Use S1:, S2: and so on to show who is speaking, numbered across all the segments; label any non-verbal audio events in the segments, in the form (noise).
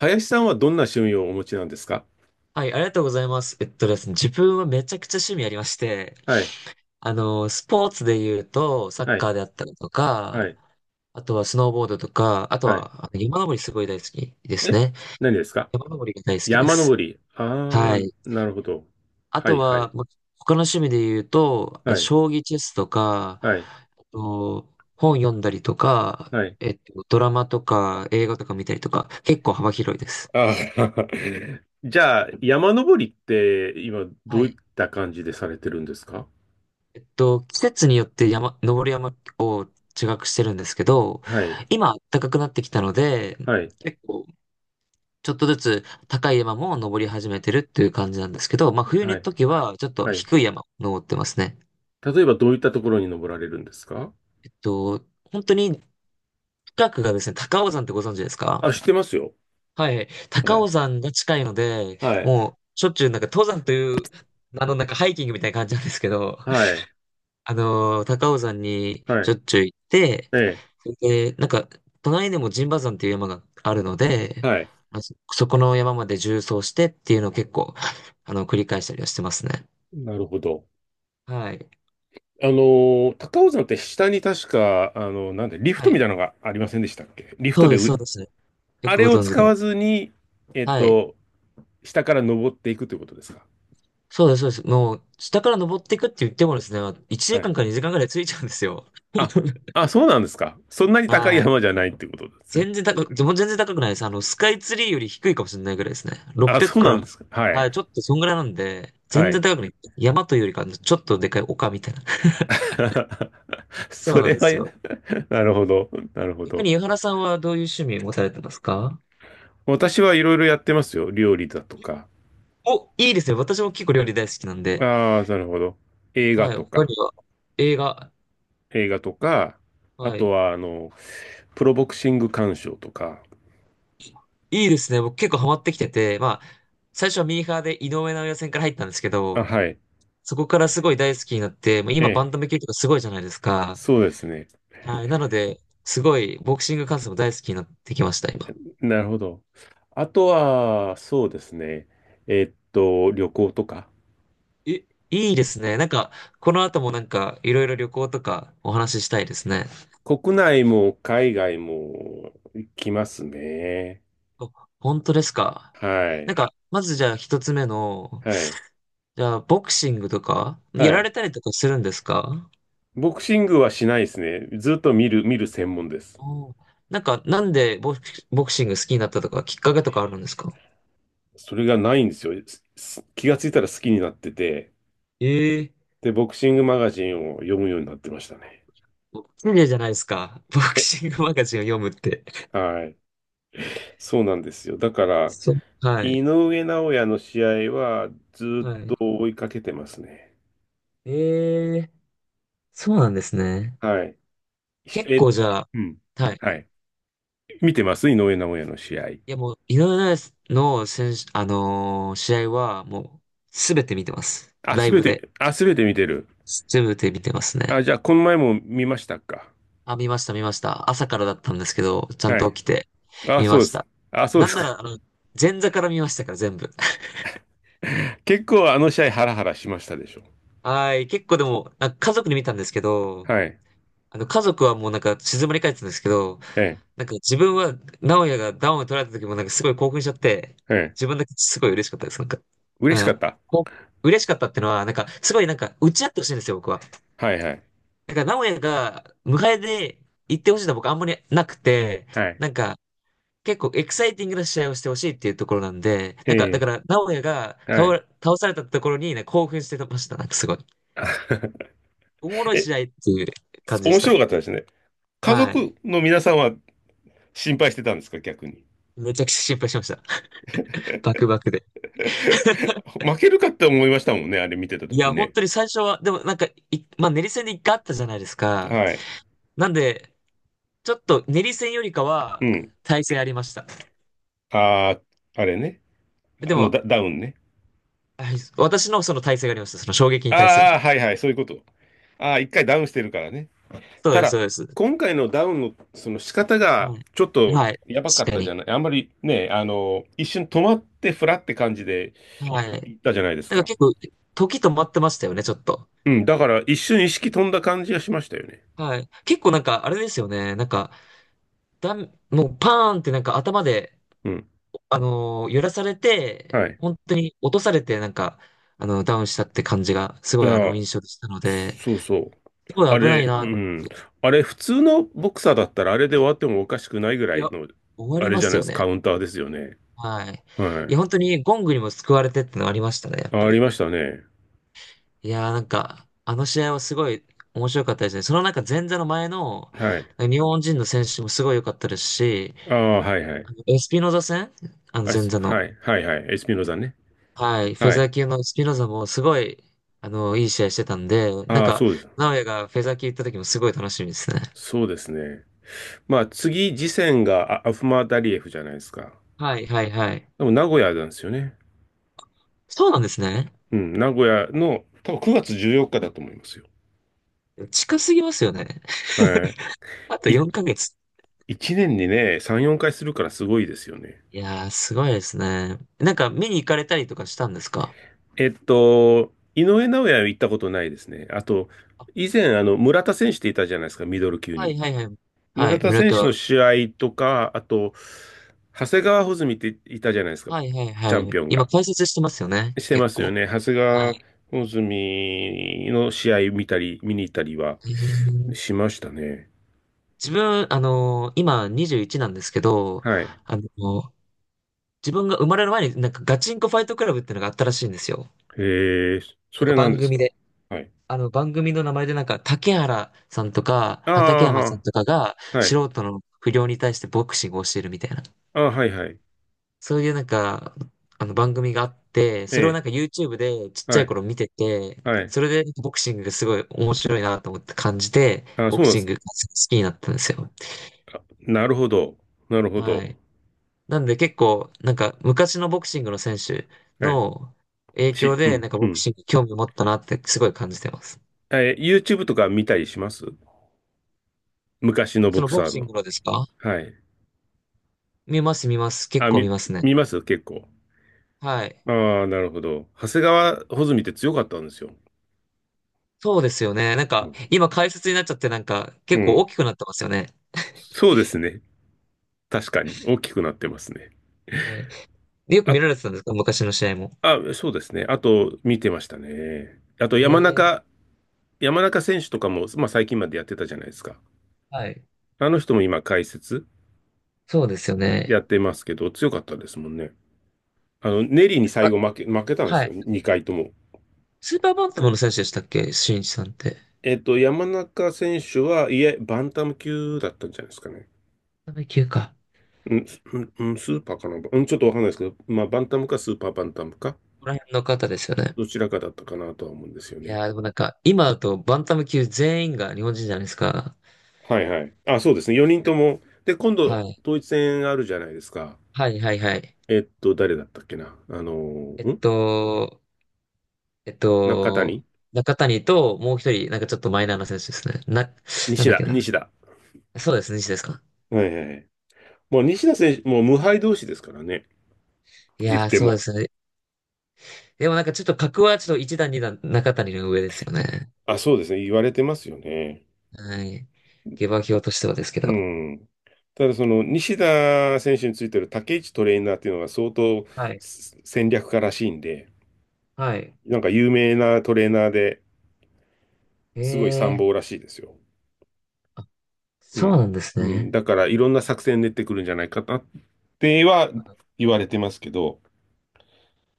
S1: 林さんはどんな趣味をお持ちなんですか？
S2: はい、ありがとうございます。ですね、自分はめちゃくちゃ趣味ありまして、
S1: はい、
S2: スポーツで言うと、サッ
S1: は
S2: カ
S1: い、
S2: ーであったりと
S1: は
S2: か、
S1: い、
S2: あとはスノーボードとか、あと
S1: はい。
S2: は山登りすごい大好きです
S1: え、
S2: ね。
S1: 何ですか？
S2: 山登りが大好きで
S1: 山登
S2: す。
S1: り。
S2: は
S1: ああ、
S2: い。
S1: なるほど。
S2: あ
S1: は
S2: と
S1: い、は
S2: は、
S1: い、
S2: 他の趣味で言うと、
S1: はい、
S2: 将棋チェスとか、
S1: はい、
S2: あと本読んだりとか、
S1: はい。
S2: ドラマとか映画とか見たりとか、結構幅広いです。
S1: あー、 (laughs) じゃあ、山登りって今ど
S2: は
S1: ういっ
S2: い。
S1: た感じでされてるんですか？
S2: 季節によって登る山を違くしてるんですけど、
S1: はい、
S2: 今暖かくなってきたので、
S1: はい、
S2: 結構ちょっとずつ高い山も登り始めてるっていう感じなんですけど、まあ冬
S1: は
S2: の
S1: い、
S2: 時はちょっと
S1: はい。
S2: 低い山を登ってますね。
S1: 例えばどういったところに登られるんですか？
S2: えっと、本当に近くがですね、高尾山ってご存知です
S1: あ、
S2: か？
S1: 知ってますよ。
S2: はい。
S1: は
S2: 高
S1: い、
S2: 尾山が近いので、
S1: はい、
S2: もうしょっちゅうなんか登山という、なんかハイキングみたいな感じなんですけど、
S1: はい、
S2: 高尾山に
S1: は
S2: しょ
S1: い、
S2: っちゅう行って、
S1: え
S2: で、なんか、隣にも陣馬山っていう山があるの
S1: え、
S2: で、
S1: はい。
S2: まあそこの山まで縦走してっていうのを結構、(laughs) 繰り返したりはしてますね。
S1: なるほど。
S2: はい。
S1: あの、高尾山って下に確か、あの、なんで、リフ
S2: は
S1: トみ
S2: い。
S1: たいなのがありませんでしたっけ？リフ
S2: そ
S1: ト
S2: う
S1: で
S2: です、そうです。よ
S1: あ
S2: く
S1: れ
S2: ご
S1: を
S2: 存知
S1: 使
S2: で。
S1: わずに、えっ
S2: はい。
S1: と、下から登っていくということですか？
S2: そうです、そうです。もう、下から登っていくって言ってもですね、1
S1: は
S2: 時間
S1: い。
S2: か2時間ぐらいついちゃうんですよ。
S1: あ、
S2: (laughs)
S1: あ、そうなんですか。そんなに高い
S2: はい。
S1: 山じゃないっていうことですね。
S2: 全然高く、でも全然高くないです。スカイツリーより低いかもしれないぐらいですね。
S1: あ、
S2: 600
S1: そう
S2: か
S1: なんで
S2: ら、
S1: すか。は
S2: はい、
S1: い。
S2: ちょっとそんぐらいなんで、
S1: は
S2: 全然
S1: い。
S2: 高くない。山というよりか、ちょっとでかい丘みたいな。(laughs)
S1: (laughs)
S2: そう
S1: そ
S2: な
S1: れ
S2: んで
S1: は。
S2: すよ。
S1: (laughs) なるほど。なるほ
S2: 逆
S1: ど。
S2: に、井原さんはどういう趣味を持たれてますか？
S1: 私はいろいろやってますよ。料理だとか。
S2: お、いいですね。私も結構料理大好きなんで。
S1: ああ、なるほど。映画
S2: はい、
S1: と
S2: 他
S1: か。
S2: には、映画。
S1: 映画とか、あ
S2: は
S1: と
S2: い。
S1: は、あの、プロボクシング鑑賞とか、
S2: いいですね。僕結構ハマってきてて、まあ、最初はミーハーで井上尚弥戦から入ったんですけ
S1: あ、
S2: ど、
S1: はい。
S2: そこからすごい大好きになって、もう
S1: え
S2: 今バ
S1: え。
S2: ンタム級とかすごいじゃないですか。
S1: そうですね。
S2: はい。なので、すごいボクシング観戦も大好きになってきました、今。
S1: なるほど。あとは、そうですね。えっと、旅行とか。
S2: え、いいですね。なんか、この後もなんか、いろいろ旅行とかお話ししたいですね。
S1: 国内も海外も行きますね。
S2: お。本当ですか？
S1: は
S2: なん
S1: い。
S2: か、まずじゃあ一つ目の、
S1: はい。
S2: じゃあボクシングとか、や
S1: は
S2: られ
S1: い。
S2: たりとかするんですか？
S1: ボクシングはしないですね。ずっと見る、見る専門です。
S2: おー。なんか、なんでボクシング好きになったとか、きっかけとかあるんですか？
S1: それがないんですよ。気がついたら好きになってて、
S2: ええ。
S1: で、ボクシングマガジンを読むようになってましたね。
S2: ボクじゃないですか。ボク
S1: え、
S2: シングマガジンを読むって。
S1: はい。そうなんですよ。だから、
S2: そう。は
S1: 井
S2: い。
S1: 上尚弥の試合はずっ
S2: は
S1: と
S2: い。
S1: 追いかけてますね。
S2: ええ、そうなんですね。
S1: はい。し
S2: 結
S1: え、
S2: 構じゃあ、
S1: うん。
S2: はい。
S1: はい。見てます井上尚弥の試合。
S2: いやもう、井上尚弥の選手、試合はもう、すべて見てます。ライブで。
S1: あ、すべて見てる。
S2: すべて見てます
S1: あ、
S2: ね。
S1: じゃあ、この前も見ましたか？
S2: あ、見ました、見ました。朝からだったんですけど、ちゃん
S1: は
S2: と
S1: い。
S2: 起きて、
S1: あ、
S2: 見
S1: そう
S2: ま
S1: で
S2: し
S1: す。
S2: た。
S1: あ、そう
S2: な
S1: で
S2: ん
S1: す
S2: な
S1: か。
S2: ら、前座から見ましたから、全部。(laughs)
S1: (laughs) 結構あの試合ハラハラしましたでしょ。
S2: はい。結構でも、なんか家族に見たんですけど、
S1: はい。
S2: 家族はもうなんか静まり返ってたんですけど、
S1: ええ、
S2: なんか自分は、直哉がダウンを取られた時もなんかすごい興奮しちゃって、
S1: ええ。
S2: 自分だけすごい嬉しかったです。なんか、う
S1: 嬉しかっ
S2: ん。
S1: た。
S2: こう嬉しかったってのは、なんか、すごいなんか、打ち合ってほしいんですよ、僕は。
S1: はいはい。
S2: なんか、直哉が、迎えで行ってほしいのは僕あんまりなくて、
S1: はい。
S2: なんか、結構エキサイティングな試合をしてほしいっていうところなんで、なんか、だ
S1: え
S2: から、直哉が
S1: え、はい。
S2: 倒されたところに、ね、興奮してました。なんかすごい。
S1: (laughs)
S2: おもろい
S1: え、
S2: 試合っていう感じでし
S1: 面
S2: た。
S1: 白かったですね。家
S2: は
S1: 族
S2: い。
S1: の皆さんは心配してたんですか、逆に。
S2: めちゃくちゃ心配しました。バクバクで。
S1: (laughs) 負けるかって思いましたもんね、あれ見てた
S2: い
S1: 時
S2: や、本
S1: ね。
S2: 当に最初は、でもなんか、いまあ、練り戦で一回あったじゃないですか。
S1: はい。
S2: なんで、ちょっと練り戦よりか
S1: う
S2: は、
S1: ん。
S2: 耐性ありました。
S1: ああ、あれね。
S2: で
S1: あのダ、
S2: も、
S1: ダウンね。
S2: はい私のその耐性がありました。その衝撃に対する。
S1: ああ、はいはい、そういうこと。ああ、一回ダウンしてるからね。
S2: そう
S1: た
S2: です、
S1: だ、
S2: そうです。
S1: 今回のダウンのその仕方が、
S2: は
S1: ちょっ
S2: い。
S1: と
S2: はい。
S1: やばかっ
S2: 確か
S1: たじ
S2: に。
S1: ゃない。あんまりね、あの、一瞬止まってフラって感じで
S2: はい。
S1: 行ったじゃないです
S2: なんか
S1: か。
S2: 結構、時止まってましたよね、ちょっと。
S1: うん、だから一瞬意識飛んだ感じがしましたよね。
S2: はい。結構なんか、あれですよね。なんか、もうパーンってなんか頭で、
S1: うん。
S2: 揺らされて、
S1: はい。
S2: 本当に落とされて、なんか、ダウンしたって感じが、す
S1: い
S2: ごい
S1: や、
S2: 印象でしたので、
S1: そうそう。
S2: すご
S1: あ
S2: い危ない
S1: れ、う
S2: なって。
S1: ん。あれ、普通のボクサーだったら、あれで終わってもおかしくないぐら
S2: い
S1: い
S2: や、
S1: の、
S2: 終わ
S1: あ
S2: り
S1: れ
S2: ま
S1: じゃ
S2: す
S1: ないで
S2: よ
S1: す、
S2: ね。
S1: カウンターですよね。
S2: はい。い
S1: は
S2: や、本当にゴングにも救われてってのありましたね、やっ
S1: い。あ、
S2: ぱ
S1: あり
S2: り。
S1: ましたね。
S2: いやー、なんか、あの試合はすごい面白かったですね。そのなんか前座の前の、
S1: はい。
S2: 日本人の選手もすごい良かったですし、
S1: ああ、はいはい。
S2: あのエスピノザ戦前座の。
S1: はい、はい、はい。エスピノザね。
S2: はい、フェ
S1: は
S2: ザ
S1: い。
S2: ー級のスピノザもすごい、いい試合してたんで、なん
S1: ああ、
S2: か、
S1: そうです。
S2: 直哉がフェザー級行った時もすごい楽しみですね。
S1: そうですね。まあ、次、次戦がアフマダリエフじゃないですか。
S2: はい、はい、はい。
S1: でも、名古屋なんですよね。
S2: そうなんですね。
S1: うん、名古屋の、多分9月14日だと思いますよ。
S2: 近すぎますよね。
S1: は
S2: (laughs) あと
S1: い。
S2: 4ヶ月。
S1: 1年にね、3、4回するからすごいですよね。
S2: いやー、すごいですね。なんか、見に行かれたりとかしたんですか？
S1: えっと、井上尚弥は行ったことないですね。あと、
S2: あ。
S1: 以前、あの、村田選手っていたじゃないですか、ミドル級
S2: は
S1: に。
S2: いはいはい。は
S1: 村
S2: い、
S1: 田
S2: 村
S1: 選
S2: 田
S1: 手
S2: は。
S1: の試合とか、あと、長谷川穂積っていたじゃないですか、
S2: はいはい
S1: チャン
S2: は
S1: ピ
S2: い。
S1: オン
S2: 今、
S1: が。
S2: 解説してますよね、
S1: してま
S2: 結
S1: すよ
S2: 構。
S1: ね。長谷
S2: はい。
S1: 川穂積の試合見たり、見に行ったりは
S2: へー。
S1: しましたね。
S2: 自分、今21なんですけど、
S1: はい。
S2: あの自分が生まれる前になんかガチンコファイトクラブっていうのがあったらしいんですよ。
S1: えー、そ
S2: なんか
S1: れなん
S2: 番
S1: です
S2: 組
S1: か？
S2: で。
S1: はい。
S2: あの番組の名前でなんか竹原さんとか
S1: あ
S2: 畠山さんとかが
S1: あ、はい。
S2: 素人の不良に対してボクシングをしてるみたいな。
S1: ああ、はい、はい。
S2: そういうなんか、あの番組があって、
S1: え
S2: それを
S1: え、
S2: なんか YouTube でちっちゃ
S1: は
S2: い
S1: い、
S2: 頃見てて、
S1: はい。
S2: それでボクシングがすごい面白いなと思って感じて、
S1: ああ、
S2: ボ
S1: そう
S2: ク
S1: なんで
S2: シン
S1: す。
S2: グが好きになったんですよ。
S1: なるほど。なるほ
S2: は
S1: ど。
S2: い。なんで結構、なんか昔のボクシングの選手
S1: はい。
S2: の影響
S1: う
S2: で、な
S1: ん、
S2: んか
S1: う
S2: ボク
S1: ん。
S2: シングに興味を持ったなってすごい感じてます。
S1: えー、YouTube とか見たりします？昔の
S2: そ
S1: ボ
S2: の
S1: ク
S2: ボ
S1: サ
S2: ク
S1: ー
S2: シン
S1: の。
S2: グのですか？
S1: はい。
S2: 見ます見ます。結
S1: あ、
S2: 構見
S1: み、
S2: ますね。
S1: 見ます結構。
S2: はい。
S1: ああ、なるほど。長谷川穂積って強かったんですよ。
S2: そうですよね。なん
S1: う
S2: か
S1: ん。
S2: 今解説になっちゃってなんか
S1: う
S2: 結構
S1: ん。
S2: 大きくなってますよね。
S1: そうですね。確かに。大きくなってますね。
S2: はい。でよく見
S1: あ、
S2: られてたんですか昔の試合も？
S1: あ、そうですね。あと、見てましたね。あと、
S2: え
S1: 山
S2: え、
S1: 中、山中選手とかも、まあ、最近までやってたじゃないですか。
S2: はい。
S1: あの人も今、解説
S2: そうですよ
S1: や
S2: ね。
S1: ってますけど、強かったですもんね。あの、ネリーに最
S2: あ、
S1: 後負け、負けたんで
S2: は
S1: すよ。
S2: い。
S1: 2回とも。
S2: スーパーバンタムの選手でしたっけ新一さんって？
S1: えっと、山中選手は、いえ、バンタム級だったんじゃないですかね。
S2: 階級か。
S1: うん、すうん、スーパーかな、うん、ちょっとわかんないですけど、まあ、バンタムかスーパーバンタムか、
S2: ここら辺の方ですよね。
S1: どちらかだったかなとは思うんですよ
S2: い
S1: ね。
S2: やー、でもなんか、今だとバンタム級全員が日本人じゃないですか。
S1: はいはい。あ、そうですね。4人とも。で、今
S2: は
S1: 度、
S2: い。
S1: 統一戦あるじゃないですか。
S2: はい、はい、はい。
S1: えっと、誰だったっけな。
S2: えっ
S1: ーん
S2: と、えっ
S1: 中
S2: と、
S1: 谷、
S2: 中谷ともう一人、なんかちょっとマイナーな選手ですね。なん
S1: 西
S2: だっ
S1: 田、
S2: けな。
S1: 西田。
S2: そうですね、西田ですか。
S1: はいはいはい。もう西田選手、もう無敗同士ですからね。
S2: い
S1: 言っ
S2: やー、
S1: て
S2: そうで
S1: も。
S2: すね。でもなんかちょっと格はちょっと一段二段中谷の上ですよね。
S1: あ、そうですね。言われてますよね。
S2: はい。下馬評としてはですけ
S1: う
S2: ど。
S1: ん。ただ、その西田選手についてる竹内トレーナーっていうのが相当
S2: はい。
S1: 戦略家らしいんで、
S2: はい。
S1: なんか有名なトレーナーで
S2: え
S1: すごい参
S2: え
S1: 謀ら
S2: ー。
S1: しいですよ。
S2: あ、
S1: う
S2: そう
S1: ん。
S2: なんです
S1: うん。
S2: ね。
S1: だから、いろんな作戦練ってくるんじゃないかなっては言われてますけど、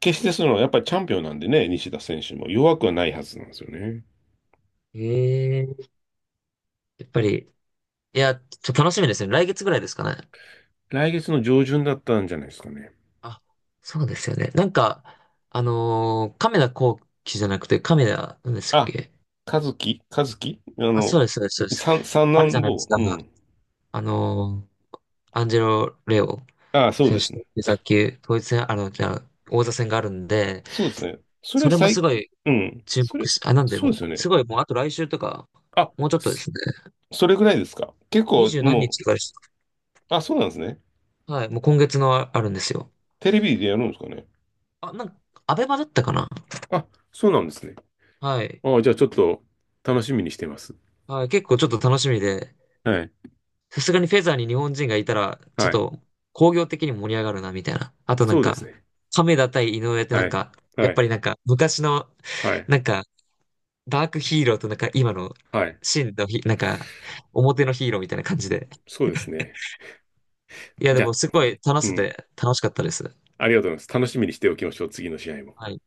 S1: 決してその、やっぱりチャンピオンなんでね、西田選手も弱くはないはずなんですよね。
S2: ええー。やっぱり、いや、ちょっと楽しみですね。来月ぐらいですかね。
S1: 来月の上旬だったんじゃないですかね。
S2: あ、そうですよね。なんか、亀田光輝じゃなくて、亀田、何でしたっ
S1: あ、
S2: け？
S1: 和樹、和樹、あ
S2: あ、そ
S1: の、
S2: うです、そうです、そうです。
S1: 三、三
S2: あるじゃ
S1: 男
S2: ないです
S1: 坊。
S2: か。
S1: うん。
S2: あのーアンジェロ・レオ
S1: ああ、そう
S2: 選
S1: で
S2: 手
S1: す
S2: と
S1: ね。
S2: 野球、統一戦、じゃあ、王座戦があるんで、
S1: そうですね。そ
S2: そ
S1: れ
S2: れもす
S1: 最、
S2: ごい
S1: うん。
S2: 注
S1: そ
S2: 目
S1: れ、
S2: し、あ、なんで
S1: そうです
S2: も
S1: よ
S2: う、
S1: ね。
S2: すごいもう、あと来週とか、
S1: あ、
S2: もうちょっとで
S1: そ
S2: すね。
S1: それぐらいですか。結
S2: 二
S1: 構、
S2: 十何
S1: も
S2: 日とかです。
S1: う、あ、そうなんですね。
S2: はい、もう今月のああるんですよ。
S1: テレビでやるんですかね。
S2: あ、なんか、アベマだったかな。
S1: あ、そうなんですね。
S2: はい。
S1: あ、じゃあちょっと楽しみにしてます。
S2: はい、結構ちょっと楽しみで、
S1: はい。
S2: さすがにフェザーに日本人がいたら、ちょっ
S1: はい。
S2: と工業的に盛り上がるな、みたいな。あとな
S1: そ
S2: ん
S1: うです
S2: か、
S1: ね。
S2: 亀田対井上ってな
S1: は
S2: ん
S1: い。
S2: か、や
S1: は
S2: っ
S1: い。
S2: ぱりなんか、昔の、
S1: はい。
S2: なんか、ダークヒーローとなんか、今の、
S1: はい。
S2: 真のヒ、なんか、表のヒーローみたいな感じで。
S1: そうですね。
S2: いや、で
S1: じゃあ、
S2: もすごい楽
S1: う
S2: しく
S1: ん。
S2: て楽しかったです。
S1: ありがとうございます。楽しみにしておきましょう。次の試合も。
S2: はい。